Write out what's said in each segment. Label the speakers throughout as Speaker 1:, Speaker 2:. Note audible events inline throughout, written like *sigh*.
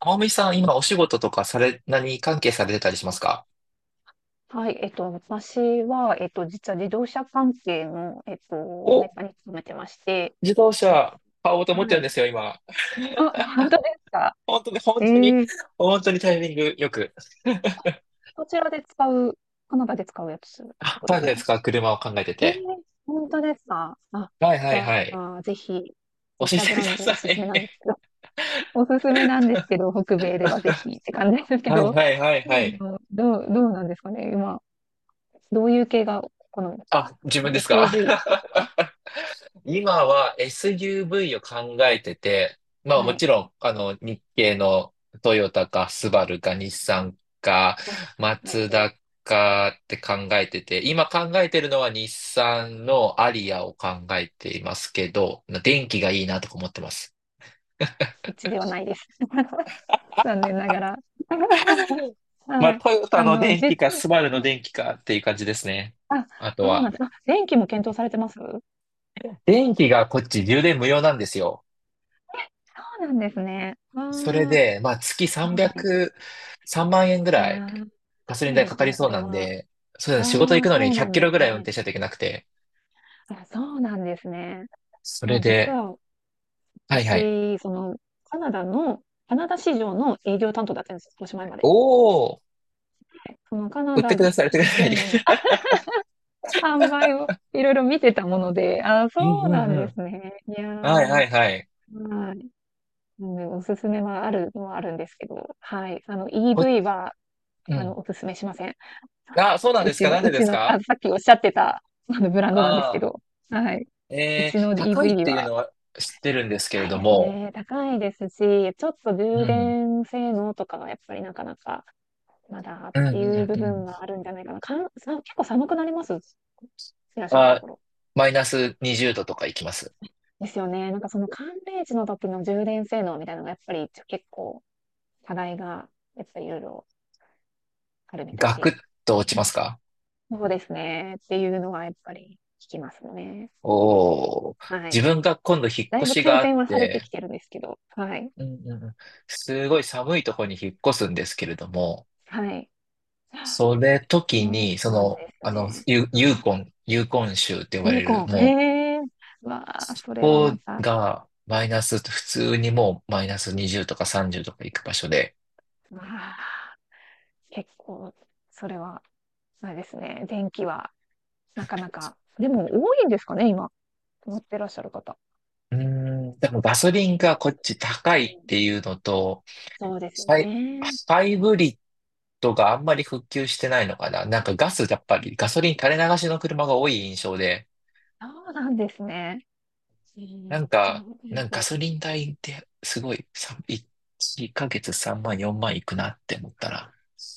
Speaker 1: 天海さん、今お仕事とかされ、何関係されてたりしますか？
Speaker 2: はい、私は、実は自動車関係の、メ
Speaker 1: お、
Speaker 2: ーカーに勤めてまして、
Speaker 1: 自動
Speaker 2: え、
Speaker 1: 車買おうと思って
Speaker 2: は
Speaker 1: るんで
Speaker 2: い。
Speaker 1: すよ、今。
Speaker 2: あ、本当ですか。
Speaker 1: 本当に、本
Speaker 2: え
Speaker 1: 当に、
Speaker 2: ー、
Speaker 1: 本当にタイミングよく。*laughs*
Speaker 2: こちらで使う、カナダで使うやつっ
Speaker 1: あ、
Speaker 2: てことです
Speaker 1: 誰
Speaker 2: か？
Speaker 1: ですか、車を考えて
Speaker 2: えー、
Speaker 1: て。
Speaker 2: 本当ですか。あ、
Speaker 1: はいは
Speaker 2: じ
Speaker 1: い
Speaker 2: ゃ
Speaker 1: はい。
Speaker 2: あ、ぜひ、
Speaker 1: 教
Speaker 2: 自
Speaker 1: え
Speaker 2: 社
Speaker 1: て
Speaker 2: ブ
Speaker 1: く
Speaker 2: ラン
Speaker 1: だ
Speaker 2: ド
Speaker 1: さ
Speaker 2: おすすめ
Speaker 1: い。
Speaker 2: なんですけど、*laughs* おすすめなんですけど、北米ではぜひって感じです
Speaker 1: *laughs*
Speaker 2: け
Speaker 1: はい
Speaker 2: ど、
Speaker 1: はいはい
Speaker 2: *laughs* で
Speaker 1: はい。
Speaker 2: もどうなんですかね、今、どういう系が好みですか？
Speaker 1: あ、自分ですか？
Speaker 2: SUV と
Speaker 1: *laughs*
Speaker 2: か。
Speaker 1: 今は SUV を考えてて、まあ
Speaker 2: は
Speaker 1: も
Speaker 2: い。
Speaker 1: ちろん、あの、日系のトヨタかスバルか日産か
Speaker 2: あ、
Speaker 1: マ
Speaker 2: なるほ
Speaker 1: ツ
Speaker 2: ど。
Speaker 1: ダかって考えてて、今考えてるのは日産のアリアを考えていますけど、電気がいいなとか思ってます。
Speaker 2: うちではないです。*laughs* 残念ながら。*laughs*
Speaker 1: まあ
Speaker 2: はい。
Speaker 1: トヨタの電気か
Speaker 2: は
Speaker 1: スバルの
Speaker 2: い。
Speaker 1: 電気かっていう感じですね。
Speaker 2: あ、
Speaker 1: あと
Speaker 2: そうなん
Speaker 1: は、
Speaker 2: です。あ、電気も検討されてます。そ
Speaker 1: 電気がこっち充電無料なんですよ。
Speaker 2: うなんですね。ああ、
Speaker 1: それ
Speaker 2: は
Speaker 1: で、まあ、月
Speaker 2: い。
Speaker 1: 300、3万円ぐ
Speaker 2: いや
Speaker 1: らい
Speaker 2: ー、で
Speaker 1: ガソリン
Speaker 2: かい
Speaker 1: 代
Speaker 2: で
Speaker 1: か
Speaker 2: す
Speaker 1: かり
Speaker 2: ね、そ
Speaker 1: そう
Speaker 2: れ
Speaker 1: なん
Speaker 2: は。
Speaker 1: で、そうだね、仕事行
Speaker 2: あ
Speaker 1: く
Speaker 2: あ、
Speaker 1: のに
Speaker 2: そう
Speaker 1: 100
Speaker 2: なん
Speaker 1: キ
Speaker 2: で
Speaker 1: ロぐ
Speaker 2: す
Speaker 1: らい運
Speaker 2: ね。
Speaker 1: 転しないといけなくて、
Speaker 2: あ、そうなんですね。
Speaker 1: そ
Speaker 2: ま
Speaker 1: れ
Speaker 2: あ、実
Speaker 1: で、
Speaker 2: は
Speaker 1: はいはい。
Speaker 2: 私、カナダの、カナダ市場の営業担当だったんです、おしまいまで。
Speaker 1: おー、
Speaker 2: で、そのカナ
Speaker 1: 売って
Speaker 2: ダ
Speaker 1: ください、売ってください。*laughs*
Speaker 2: 全土の販売をいろいろ見てたもので、あー、そ
Speaker 1: うん
Speaker 2: う
Speaker 1: う
Speaker 2: な
Speaker 1: ん
Speaker 2: ん
Speaker 1: う
Speaker 2: で
Speaker 1: ん。
Speaker 2: すね。いや
Speaker 1: はいは
Speaker 2: ー、は
Speaker 1: いはい。
Speaker 2: い。なのでおすすめはあるのはあるんですけど、はい。
Speaker 1: ほ、
Speaker 2: EV は、
Speaker 1: うん。
Speaker 2: おすすめしません。
Speaker 1: あ、そうなん
Speaker 2: う
Speaker 1: です
Speaker 2: ち
Speaker 1: か、
Speaker 2: の、
Speaker 1: なんで
Speaker 2: う
Speaker 1: で
Speaker 2: ち
Speaker 1: す
Speaker 2: の、
Speaker 1: か？
Speaker 2: あ、さっきおっしゃってた、あの、ブランドなんですけ
Speaker 1: ああ
Speaker 2: ど、はい。
Speaker 1: ー、
Speaker 2: うちの
Speaker 1: 高いっ
Speaker 2: EV
Speaker 1: ていう
Speaker 2: は、
Speaker 1: のは知ってるんですけれ
Speaker 2: 高い
Speaker 1: ど
Speaker 2: です
Speaker 1: も、
Speaker 2: ね。高いですし、ちょっと
Speaker 1: う
Speaker 2: 充
Speaker 1: ん、
Speaker 2: 電性能とかがやっぱりなかなか、まだっ
Speaker 1: うんう
Speaker 2: ていう
Speaker 1: ん
Speaker 2: 部
Speaker 1: う
Speaker 2: 分
Speaker 1: ん。
Speaker 2: があるんじゃないかな。かん、さ、結構寒くなります、いらっしゃると
Speaker 1: あ、
Speaker 2: ころ。
Speaker 1: マイナス20度とか行きます。
Speaker 2: ですよね。なんかその寒冷地の時の充電性能みたいなのがやっぱり結構課題がやっぱりいろいろあるみたい
Speaker 1: ガクッ
Speaker 2: で。
Speaker 1: と落ちますか？
Speaker 2: そうですね。っていうのはやっぱり聞きますね。
Speaker 1: おー、
Speaker 2: はい。
Speaker 1: 自分が今度引っ
Speaker 2: だい
Speaker 1: 越
Speaker 2: ぶ
Speaker 1: しが
Speaker 2: 改
Speaker 1: あっ
Speaker 2: 善はされて
Speaker 1: て、
Speaker 2: きてるんですけど。はい。
Speaker 1: うんうんうん、すごい寒いところに引っ越すんですけれども、
Speaker 2: はい。
Speaker 1: それ時
Speaker 2: そ
Speaker 1: に、そ
Speaker 2: うなんで
Speaker 1: の、
Speaker 2: す
Speaker 1: あの、
Speaker 2: ね。
Speaker 1: ユ
Speaker 2: は
Speaker 1: ー
Speaker 2: い。
Speaker 1: コン、ユーコン州って呼ば
Speaker 2: ユ
Speaker 1: れ
Speaker 2: ー
Speaker 1: る、
Speaker 2: コン。
Speaker 1: もう、
Speaker 2: へえ。わあ、それは
Speaker 1: ここ
Speaker 2: また。
Speaker 1: がマイナス、普通にもうマイナス20とか30とか行く場所で、
Speaker 2: わあ、結構、それは、あれですね。電気は、なかなか。でも多いんですかね、今。持ってらっしゃる方。
Speaker 1: うーん、でもガソリン
Speaker 2: もし
Speaker 1: が
Speaker 2: か
Speaker 1: こっ
Speaker 2: する
Speaker 1: ち高
Speaker 2: と。
Speaker 1: いっ
Speaker 2: うん、
Speaker 1: ていうのと、
Speaker 2: そうですよ
Speaker 1: サイ、
Speaker 2: ね。
Speaker 1: ハイブリッドがあんまり復旧してないのかななんかガス、やっぱりガソリン垂れ流しの車が多い印象で、
Speaker 2: そうなんですね。う
Speaker 1: なん
Speaker 2: ん、そ
Speaker 1: か、
Speaker 2: う
Speaker 1: な
Speaker 2: で
Speaker 1: んかガ
Speaker 2: す。
Speaker 1: ソリン代ってすごい、1ヶ月3万、4万いくなって思ったら。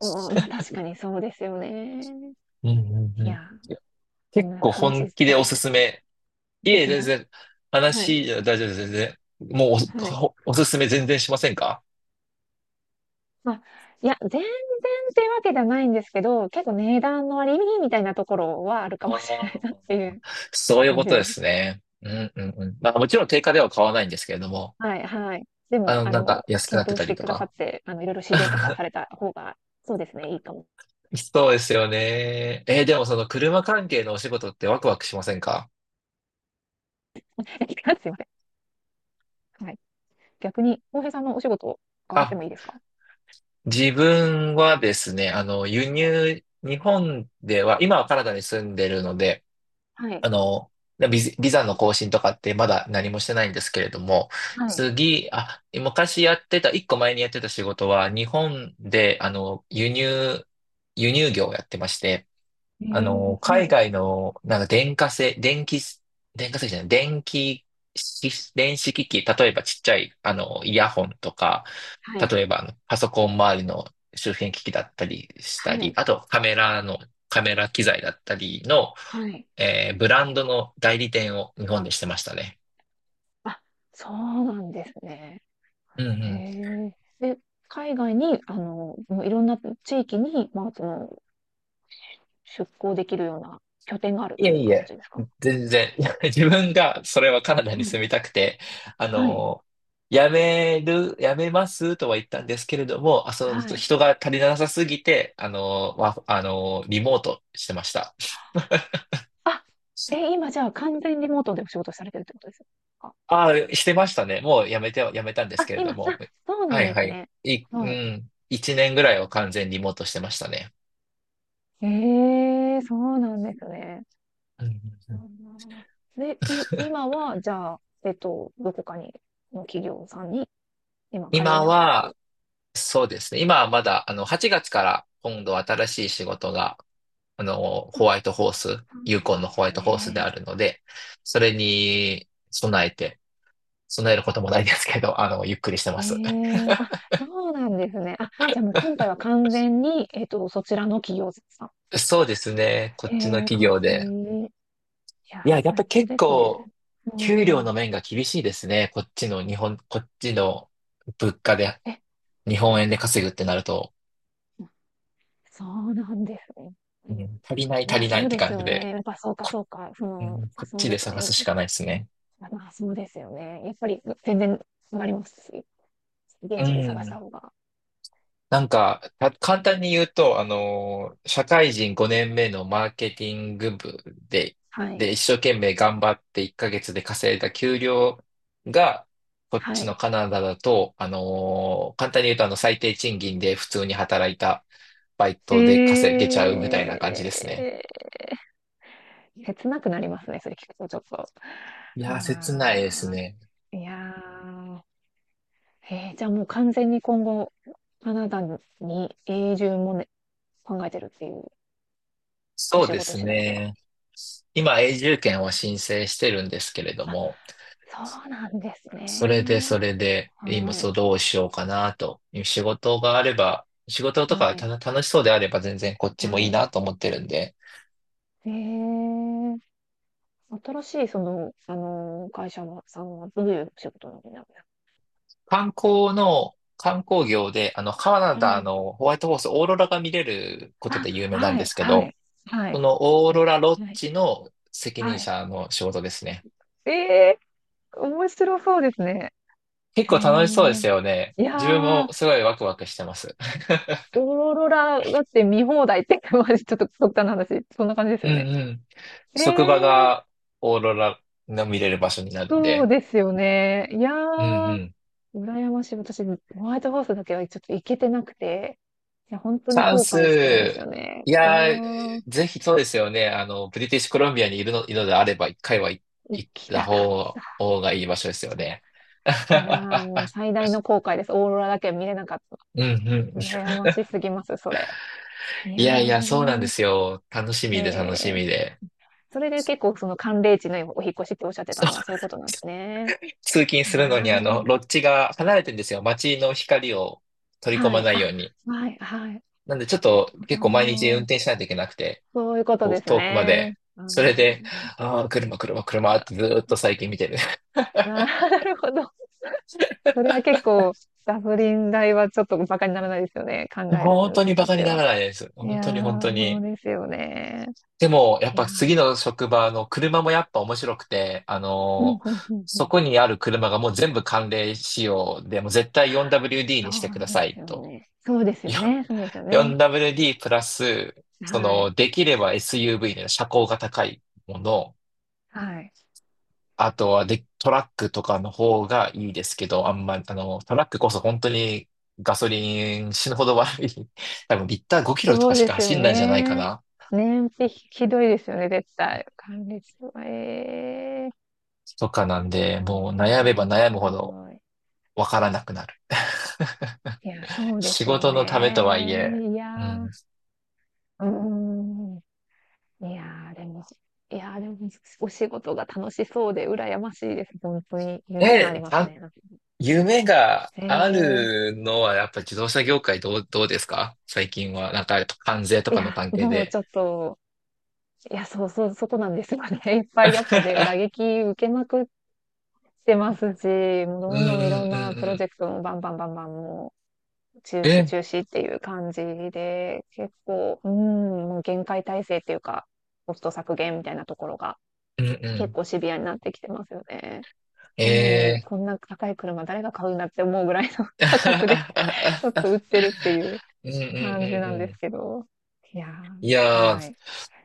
Speaker 2: うん、まあ確かにそうですよね。
Speaker 1: うんうん
Speaker 2: い
Speaker 1: うん。
Speaker 2: や、こん
Speaker 1: 結
Speaker 2: な
Speaker 1: 構本
Speaker 2: 話
Speaker 1: 気
Speaker 2: そ
Speaker 1: でお
Speaker 2: れち
Speaker 1: す
Speaker 2: ゃっ
Speaker 1: す
Speaker 2: てしまう。
Speaker 1: め。い
Speaker 2: おす
Speaker 1: え、
Speaker 2: す
Speaker 1: 全
Speaker 2: め。
Speaker 1: 然、
Speaker 2: はい。
Speaker 1: 話じゃ大丈夫です、全然。もう
Speaker 2: はい。
Speaker 1: おすすめ全然しませんか？
Speaker 2: まあ、いや、全然っていうわけではないんですけど、結構値段の割引みたいなところはあるか
Speaker 1: あ
Speaker 2: もしれな
Speaker 1: あ
Speaker 2: い
Speaker 1: ー。
Speaker 2: なっていう
Speaker 1: そういう
Speaker 2: 感
Speaker 1: こ
Speaker 2: じ
Speaker 1: とで
Speaker 2: で
Speaker 1: す
Speaker 2: す。
Speaker 1: ね。うんうんうん。まあもちろん定価では買わないんですけれども、
Speaker 2: はい、はい。で
Speaker 1: あの、
Speaker 2: も、
Speaker 1: なんか安くなっ
Speaker 2: 検
Speaker 1: て
Speaker 2: 討
Speaker 1: た
Speaker 2: し
Speaker 1: り
Speaker 2: て
Speaker 1: と
Speaker 2: くださっ
Speaker 1: か。
Speaker 2: て、いろいろ試乗とか
Speaker 1: *laughs*
Speaker 2: された方が、そうですね、いいかも。
Speaker 1: そうですよね。でもその車関係のお仕事ってワクワクしませんか？
Speaker 2: *laughs* すいません。はい。逆に、浩平さんのお仕事を伺って
Speaker 1: あ、
Speaker 2: もいいですか？
Speaker 1: 自分はですね、あの、輸
Speaker 2: はい。
Speaker 1: 入、日本では、今はカナダに住んでるので、
Speaker 2: はい。
Speaker 1: あの、ビザの更新とかってまだ何もしてないんですけれども、
Speaker 2: はい。
Speaker 1: 次、あ、昔やってた、一個前にやってた仕事は、日本で、あの、輸入業をやってまして、
Speaker 2: え
Speaker 1: あ
Speaker 2: ー、
Speaker 1: の、
Speaker 2: は
Speaker 1: 海
Speaker 2: い。
Speaker 1: 外の、なんか電化製、電気、電化製じゃない、電気式、電子機器、例えばちっちゃい、あの、イヤホンとか、
Speaker 2: はい。
Speaker 1: 例えばあのパソコン周りの周辺機器だったりした
Speaker 2: は
Speaker 1: り、
Speaker 2: い。
Speaker 1: あとカメラの、カメラ機材だったりの、
Speaker 2: はい。
Speaker 1: ブランドの代理店を日本でしてましたね。
Speaker 2: あ、そうなんですね。
Speaker 1: うんう
Speaker 2: へ
Speaker 1: ん。
Speaker 2: え。で、海外に、もういろんな地域に、まあ、出向できるような拠点があるっ
Speaker 1: い
Speaker 2: て
Speaker 1: え
Speaker 2: いう
Speaker 1: いえ、
Speaker 2: 形ですか？
Speaker 1: 全然。*laughs* 自分がそれはカナダに
Speaker 2: は
Speaker 1: 住
Speaker 2: い。
Speaker 1: みたくて、あ
Speaker 2: はい。
Speaker 1: の、辞めますとは言ったんですけれども、あ、その
Speaker 2: はい。
Speaker 1: 人が足りなさすぎて、あの、リモートしてました。
Speaker 2: あ、今じゃあ完全リモートでお仕事されてるってことですか？
Speaker 1: ああ、してましたね。もう辞めたんです
Speaker 2: あ、
Speaker 1: けれど
Speaker 2: 今、あ、
Speaker 1: も。
Speaker 2: そうな
Speaker 1: は
Speaker 2: ん
Speaker 1: い
Speaker 2: で
Speaker 1: は
Speaker 2: す
Speaker 1: い。
Speaker 2: ね。
Speaker 1: う
Speaker 2: はい。
Speaker 1: ん。一年ぐらいは完全リモートしてましたね。
Speaker 2: ええ、そうなんですね。
Speaker 1: うんうんう
Speaker 2: う
Speaker 1: ん。
Speaker 2: ん。で、今
Speaker 1: *laughs*
Speaker 2: は、じゃあ、どこかに、の企業さんに、今、通い
Speaker 1: 今
Speaker 2: ながらってい
Speaker 1: は、
Speaker 2: う。
Speaker 1: そうですね。今はまだ、あの、8月から今度新しい仕事があの、ホワイトホース、
Speaker 2: そ
Speaker 1: ユ
Speaker 2: う
Speaker 1: ーコ
Speaker 2: な
Speaker 1: ン
Speaker 2: ん
Speaker 1: の
Speaker 2: で
Speaker 1: ホワイ
Speaker 2: す
Speaker 1: トホースであ
Speaker 2: ね。
Speaker 1: るので、それに備えて、備えることもないですけど、あの、ゆっくりして
Speaker 2: へ
Speaker 1: ます。*laughs*
Speaker 2: え。あ、そうなんですね。あ、じゃあもう今回は完全に、そちらの企業さんっていう。
Speaker 1: そうですね。こっ
Speaker 2: へ
Speaker 1: ちの
Speaker 2: え、
Speaker 1: 企
Speaker 2: かっ
Speaker 1: 業
Speaker 2: こ
Speaker 1: で。
Speaker 2: いい。いや
Speaker 1: いや、
Speaker 2: ー、
Speaker 1: やっぱ
Speaker 2: 最
Speaker 1: り
Speaker 2: 高
Speaker 1: 結
Speaker 2: ですね。
Speaker 1: 構、
Speaker 2: う
Speaker 1: 給料
Speaker 2: ん。
Speaker 1: の面が厳しいですね。こっちの物価で、
Speaker 2: え、
Speaker 1: 日本円で稼ぐってなると、
Speaker 2: そうなんですね。う
Speaker 1: う
Speaker 2: ん。
Speaker 1: ん、足りない足
Speaker 2: まあ、
Speaker 1: りない
Speaker 2: そ
Speaker 1: っ
Speaker 2: う
Speaker 1: て
Speaker 2: です
Speaker 1: 感
Speaker 2: よ
Speaker 1: じで、
Speaker 2: ね。やっぱそうか、そうか。
Speaker 1: うん、こっ
Speaker 2: そ
Speaker 1: ち
Speaker 2: うで
Speaker 1: で
Speaker 2: すよ
Speaker 1: 探
Speaker 2: ね。
Speaker 1: すしかないですね。
Speaker 2: まあ、そうですよね。やっぱり、全然、わかります。
Speaker 1: う
Speaker 2: 現地で探し
Speaker 1: ん。
Speaker 2: た方が。
Speaker 1: なんか、簡単に言うと、あのー、社会人5年目のマーケティング部で、
Speaker 2: はい。
Speaker 1: で、一生懸命頑張って1ヶ月で稼いだ給料が、こっ
Speaker 2: は
Speaker 1: ちの
Speaker 2: い。
Speaker 1: カナダだと、あのー、簡単に言うと、あの、最低賃金で普通に働いたバイ
Speaker 2: え
Speaker 1: トで稼げちゃうみたいな感じですね。
Speaker 2: えー、切なくなりますね、それ聞くとちょっと。あ
Speaker 1: いやー、切ないです
Speaker 2: あ、
Speaker 1: ね。
Speaker 2: いやー、じゃあもう完全に今後、カナダに永住もね、考えてるっていう、お
Speaker 1: そう
Speaker 2: 仕
Speaker 1: で
Speaker 2: 事
Speaker 1: す
Speaker 2: 次第では。
Speaker 1: ね。今、永住権を申請してるんですけれど
Speaker 2: あ、
Speaker 1: も、
Speaker 2: そうなんです
Speaker 1: それで、
Speaker 2: ね。
Speaker 1: それで、今、
Speaker 2: はい、
Speaker 1: そう、どうしようかなと。仕事があれば、仕事と
Speaker 2: は
Speaker 1: かた
Speaker 2: い、
Speaker 1: 楽しそうであれば全然こっちも
Speaker 2: は
Speaker 1: いい
Speaker 2: い。
Speaker 1: なと思ってるんで、
Speaker 2: えー、新しい会社のさんはどういう仕事なんです
Speaker 1: 観光業で、あの、カナダ
Speaker 2: か？
Speaker 1: のホワイトホース、オーロラが見れること
Speaker 2: あ、
Speaker 1: で有名なん
Speaker 2: は
Speaker 1: で
Speaker 2: い、
Speaker 1: すけ
Speaker 2: は
Speaker 1: ど、
Speaker 2: い、は
Speaker 1: そ
Speaker 2: い。
Speaker 1: のオー
Speaker 2: で
Speaker 1: ロ
Speaker 2: は、
Speaker 1: ラロッ
Speaker 2: はい、
Speaker 1: ジの責任
Speaker 2: はい。
Speaker 1: 者の仕事ですね。
Speaker 2: ええ、面白そうですね。
Speaker 1: 結
Speaker 2: へ
Speaker 1: 構楽しそうで
Speaker 2: え。
Speaker 1: すよね。
Speaker 2: いや
Speaker 1: 自分
Speaker 2: ー、
Speaker 1: もすごいワクワクしてます。*laughs*
Speaker 2: オーロラだって見放題って、*laughs* まじちょっと極端な話、そんな感じです
Speaker 1: うん
Speaker 2: よ
Speaker 1: う
Speaker 2: ね。
Speaker 1: ん。
Speaker 2: え
Speaker 1: 職場
Speaker 2: ー、
Speaker 1: がオーロラの見れる場所になるん
Speaker 2: そう
Speaker 1: で。
Speaker 2: ですよね。いや
Speaker 1: うんう
Speaker 2: ー、
Speaker 1: ん。
Speaker 2: 羨ましい。私、ホワイトホースだけはちょっと行けてなくて、いや、本当に
Speaker 1: サウ
Speaker 2: 後悔してるんです
Speaker 1: ス、
Speaker 2: よね。
Speaker 1: い
Speaker 2: いや
Speaker 1: やー、
Speaker 2: ー、
Speaker 1: ぜひそうですよね。あの、ブリティッシュコロンビアにいるのであれば、一回は行
Speaker 2: 行
Speaker 1: 行っ
Speaker 2: き
Speaker 1: た
Speaker 2: たかっ
Speaker 1: 方、
Speaker 2: た。
Speaker 1: 方がいい場所ですよね。
Speaker 2: いやー、もう
Speaker 1: *laughs*
Speaker 2: 最大の後悔です。オーロラだけは見れなかった。
Speaker 1: うんうん。
Speaker 2: 羨ましすぎます、それ。い
Speaker 1: い
Speaker 2: や
Speaker 1: やいや、そうなんで
Speaker 2: ー、
Speaker 1: すよ。楽し
Speaker 2: へ
Speaker 1: みで楽しみ
Speaker 2: え。
Speaker 1: で。
Speaker 2: それで結構その寒冷地のお引っ越しっておっしゃってたのはそういうことなんですね。
Speaker 1: 通勤
Speaker 2: い
Speaker 1: す
Speaker 2: や
Speaker 1: るのに、あの、
Speaker 2: ー、
Speaker 1: ロッジが離れてるんですよ。街の光を取り込
Speaker 2: は
Speaker 1: ま
Speaker 2: い、
Speaker 1: ないよう
Speaker 2: あ、
Speaker 1: に。
Speaker 2: はい、はい。
Speaker 1: なんで、ちょっ
Speaker 2: なる
Speaker 1: と
Speaker 2: ほ
Speaker 1: 結構毎日運
Speaker 2: ど。
Speaker 1: 転しないといけなくて、
Speaker 2: そういうことです
Speaker 1: 遠くま
Speaker 2: ね。
Speaker 1: で。
Speaker 2: あ
Speaker 1: それ
Speaker 2: の、
Speaker 1: で、ああ、車、車、車っ
Speaker 2: あ、
Speaker 1: てずーっと最近見てる。
Speaker 2: なるほど。それは結構、ガソリン代はちょっとバカにならないですよね。考え
Speaker 1: 本
Speaker 2: る
Speaker 1: 当
Speaker 2: に
Speaker 1: にバ
Speaker 2: 至っ
Speaker 1: カに
Speaker 2: て
Speaker 1: なら
Speaker 2: は。
Speaker 1: ないです。
Speaker 2: い
Speaker 1: 本
Speaker 2: や
Speaker 1: 当に本当
Speaker 2: ー、そう
Speaker 1: に。
Speaker 2: ですよね。
Speaker 1: でも、やっ
Speaker 2: いや
Speaker 1: ぱ
Speaker 2: ー、
Speaker 1: 次の職場の車もやっぱ面白くて、あ
Speaker 2: うん
Speaker 1: の
Speaker 2: うんう
Speaker 1: ー
Speaker 2: んう
Speaker 1: そ
Speaker 2: ん。
Speaker 1: こにある車がもう全部寒冷仕様で、もう絶対 4WD
Speaker 2: そ
Speaker 1: にしてく
Speaker 2: う
Speaker 1: だ
Speaker 2: で
Speaker 1: さ
Speaker 2: す
Speaker 1: い
Speaker 2: よ
Speaker 1: と。
Speaker 2: ね。そうで
Speaker 1: *laughs*
Speaker 2: すよ
Speaker 1: よ
Speaker 2: ね。そうですよね。
Speaker 1: 4WD プラス、そ
Speaker 2: は
Speaker 1: の、
Speaker 2: い。
Speaker 1: できれば SUV の車高が高いもの、
Speaker 2: はい。
Speaker 1: あとはで、トラックとかの方がいいですけど、あんま、あの、トラックこそ本当にガソリン死ぬほど悪い。多分リッター5キロと
Speaker 2: そ
Speaker 1: か
Speaker 2: う
Speaker 1: し
Speaker 2: で
Speaker 1: か
Speaker 2: すよ
Speaker 1: 走んないんじゃないか
Speaker 2: ね。
Speaker 1: な。
Speaker 2: 燃費ひどいですよね、絶対。管理室は。ええ
Speaker 1: とかなんで、
Speaker 2: ー、う
Speaker 1: もう悩め
Speaker 2: ー
Speaker 1: ば
Speaker 2: ん、
Speaker 1: 悩
Speaker 2: す
Speaker 1: むほど
Speaker 2: ごい。
Speaker 1: わからなくなる。*laughs*
Speaker 2: いや、そうで
Speaker 1: 仕
Speaker 2: すよ
Speaker 1: 事のためとはいえ、
Speaker 2: ね。いや
Speaker 1: う
Speaker 2: ー、
Speaker 1: ん。
Speaker 2: うーん。いやー、でも、いやー、でも、お仕事が楽しそうで、羨ましいです。本当に。夢があり
Speaker 1: え、
Speaker 2: ます
Speaker 1: た
Speaker 2: ね。
Speaker 1: 夢が
Speaker 2: え
Speaker 1: あ
Speaker 2: え
Speaker 1: るのはやっぱ自動車業界どうですか最近は？なんか関税と
Speaker 2: ー、い
Speaker 1: かの
Speaker 2: や、
Speaker 1: 関係
Speaker 2: もう
Speaker 1: で。
Speaker 2: ちょっと、いや、そうそう、そこなんですよね。*laughs* いっぱい、やっぱで、打
Speaker 1: *laughs*
Speaker 2: 撃受けまくっしてますし、もう
Speaker 1: うん
Speaker 2: どんど
Speaker 1: う
Speaker 2: んいろ
Speaker 1: ん
Speaker 2: ん
Speaker 1: う
Speaker 2: なプロジ
Speaker 1: ん
Speaker 2: ェクトもバンバンバンバンもう中
Speaker 1: うん。
Speaker 2: 止中止っていう感じで、結構、うん、もう限界体制っていうか、コスト削減みたいなところが
Speaker 1: うん
Speaker 2: 結
Speaker 1: う
Speaker 2: 構シビアになってきてますよね。
Speaker 1: ん。
Speaker 2: なのに、こんな高い車誰が買うんだって思うぐらいの *laughs* 価格で *laughs* ちょっと売っ
Speaker 1: *laughs*
Speaker 2: てるっていう
Speaker 1: うんうんうん
Speaker 2: 感じなんで
Speaker 1: う
Speaker 2: す
Speaker 1: ん。
Speaker 2: けど。いやー、
Speaker 1: いや
Speaker 2: は
Speaker 1: ー、
Speaker 2: い、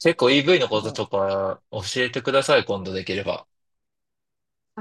Speaker 1: 結構 EV の
Speaker 2: す
Speaker 1: こと
Speaker 2: ごい。
Speaker 1: とか教えてください、今度できれば。
Speaker 2: あ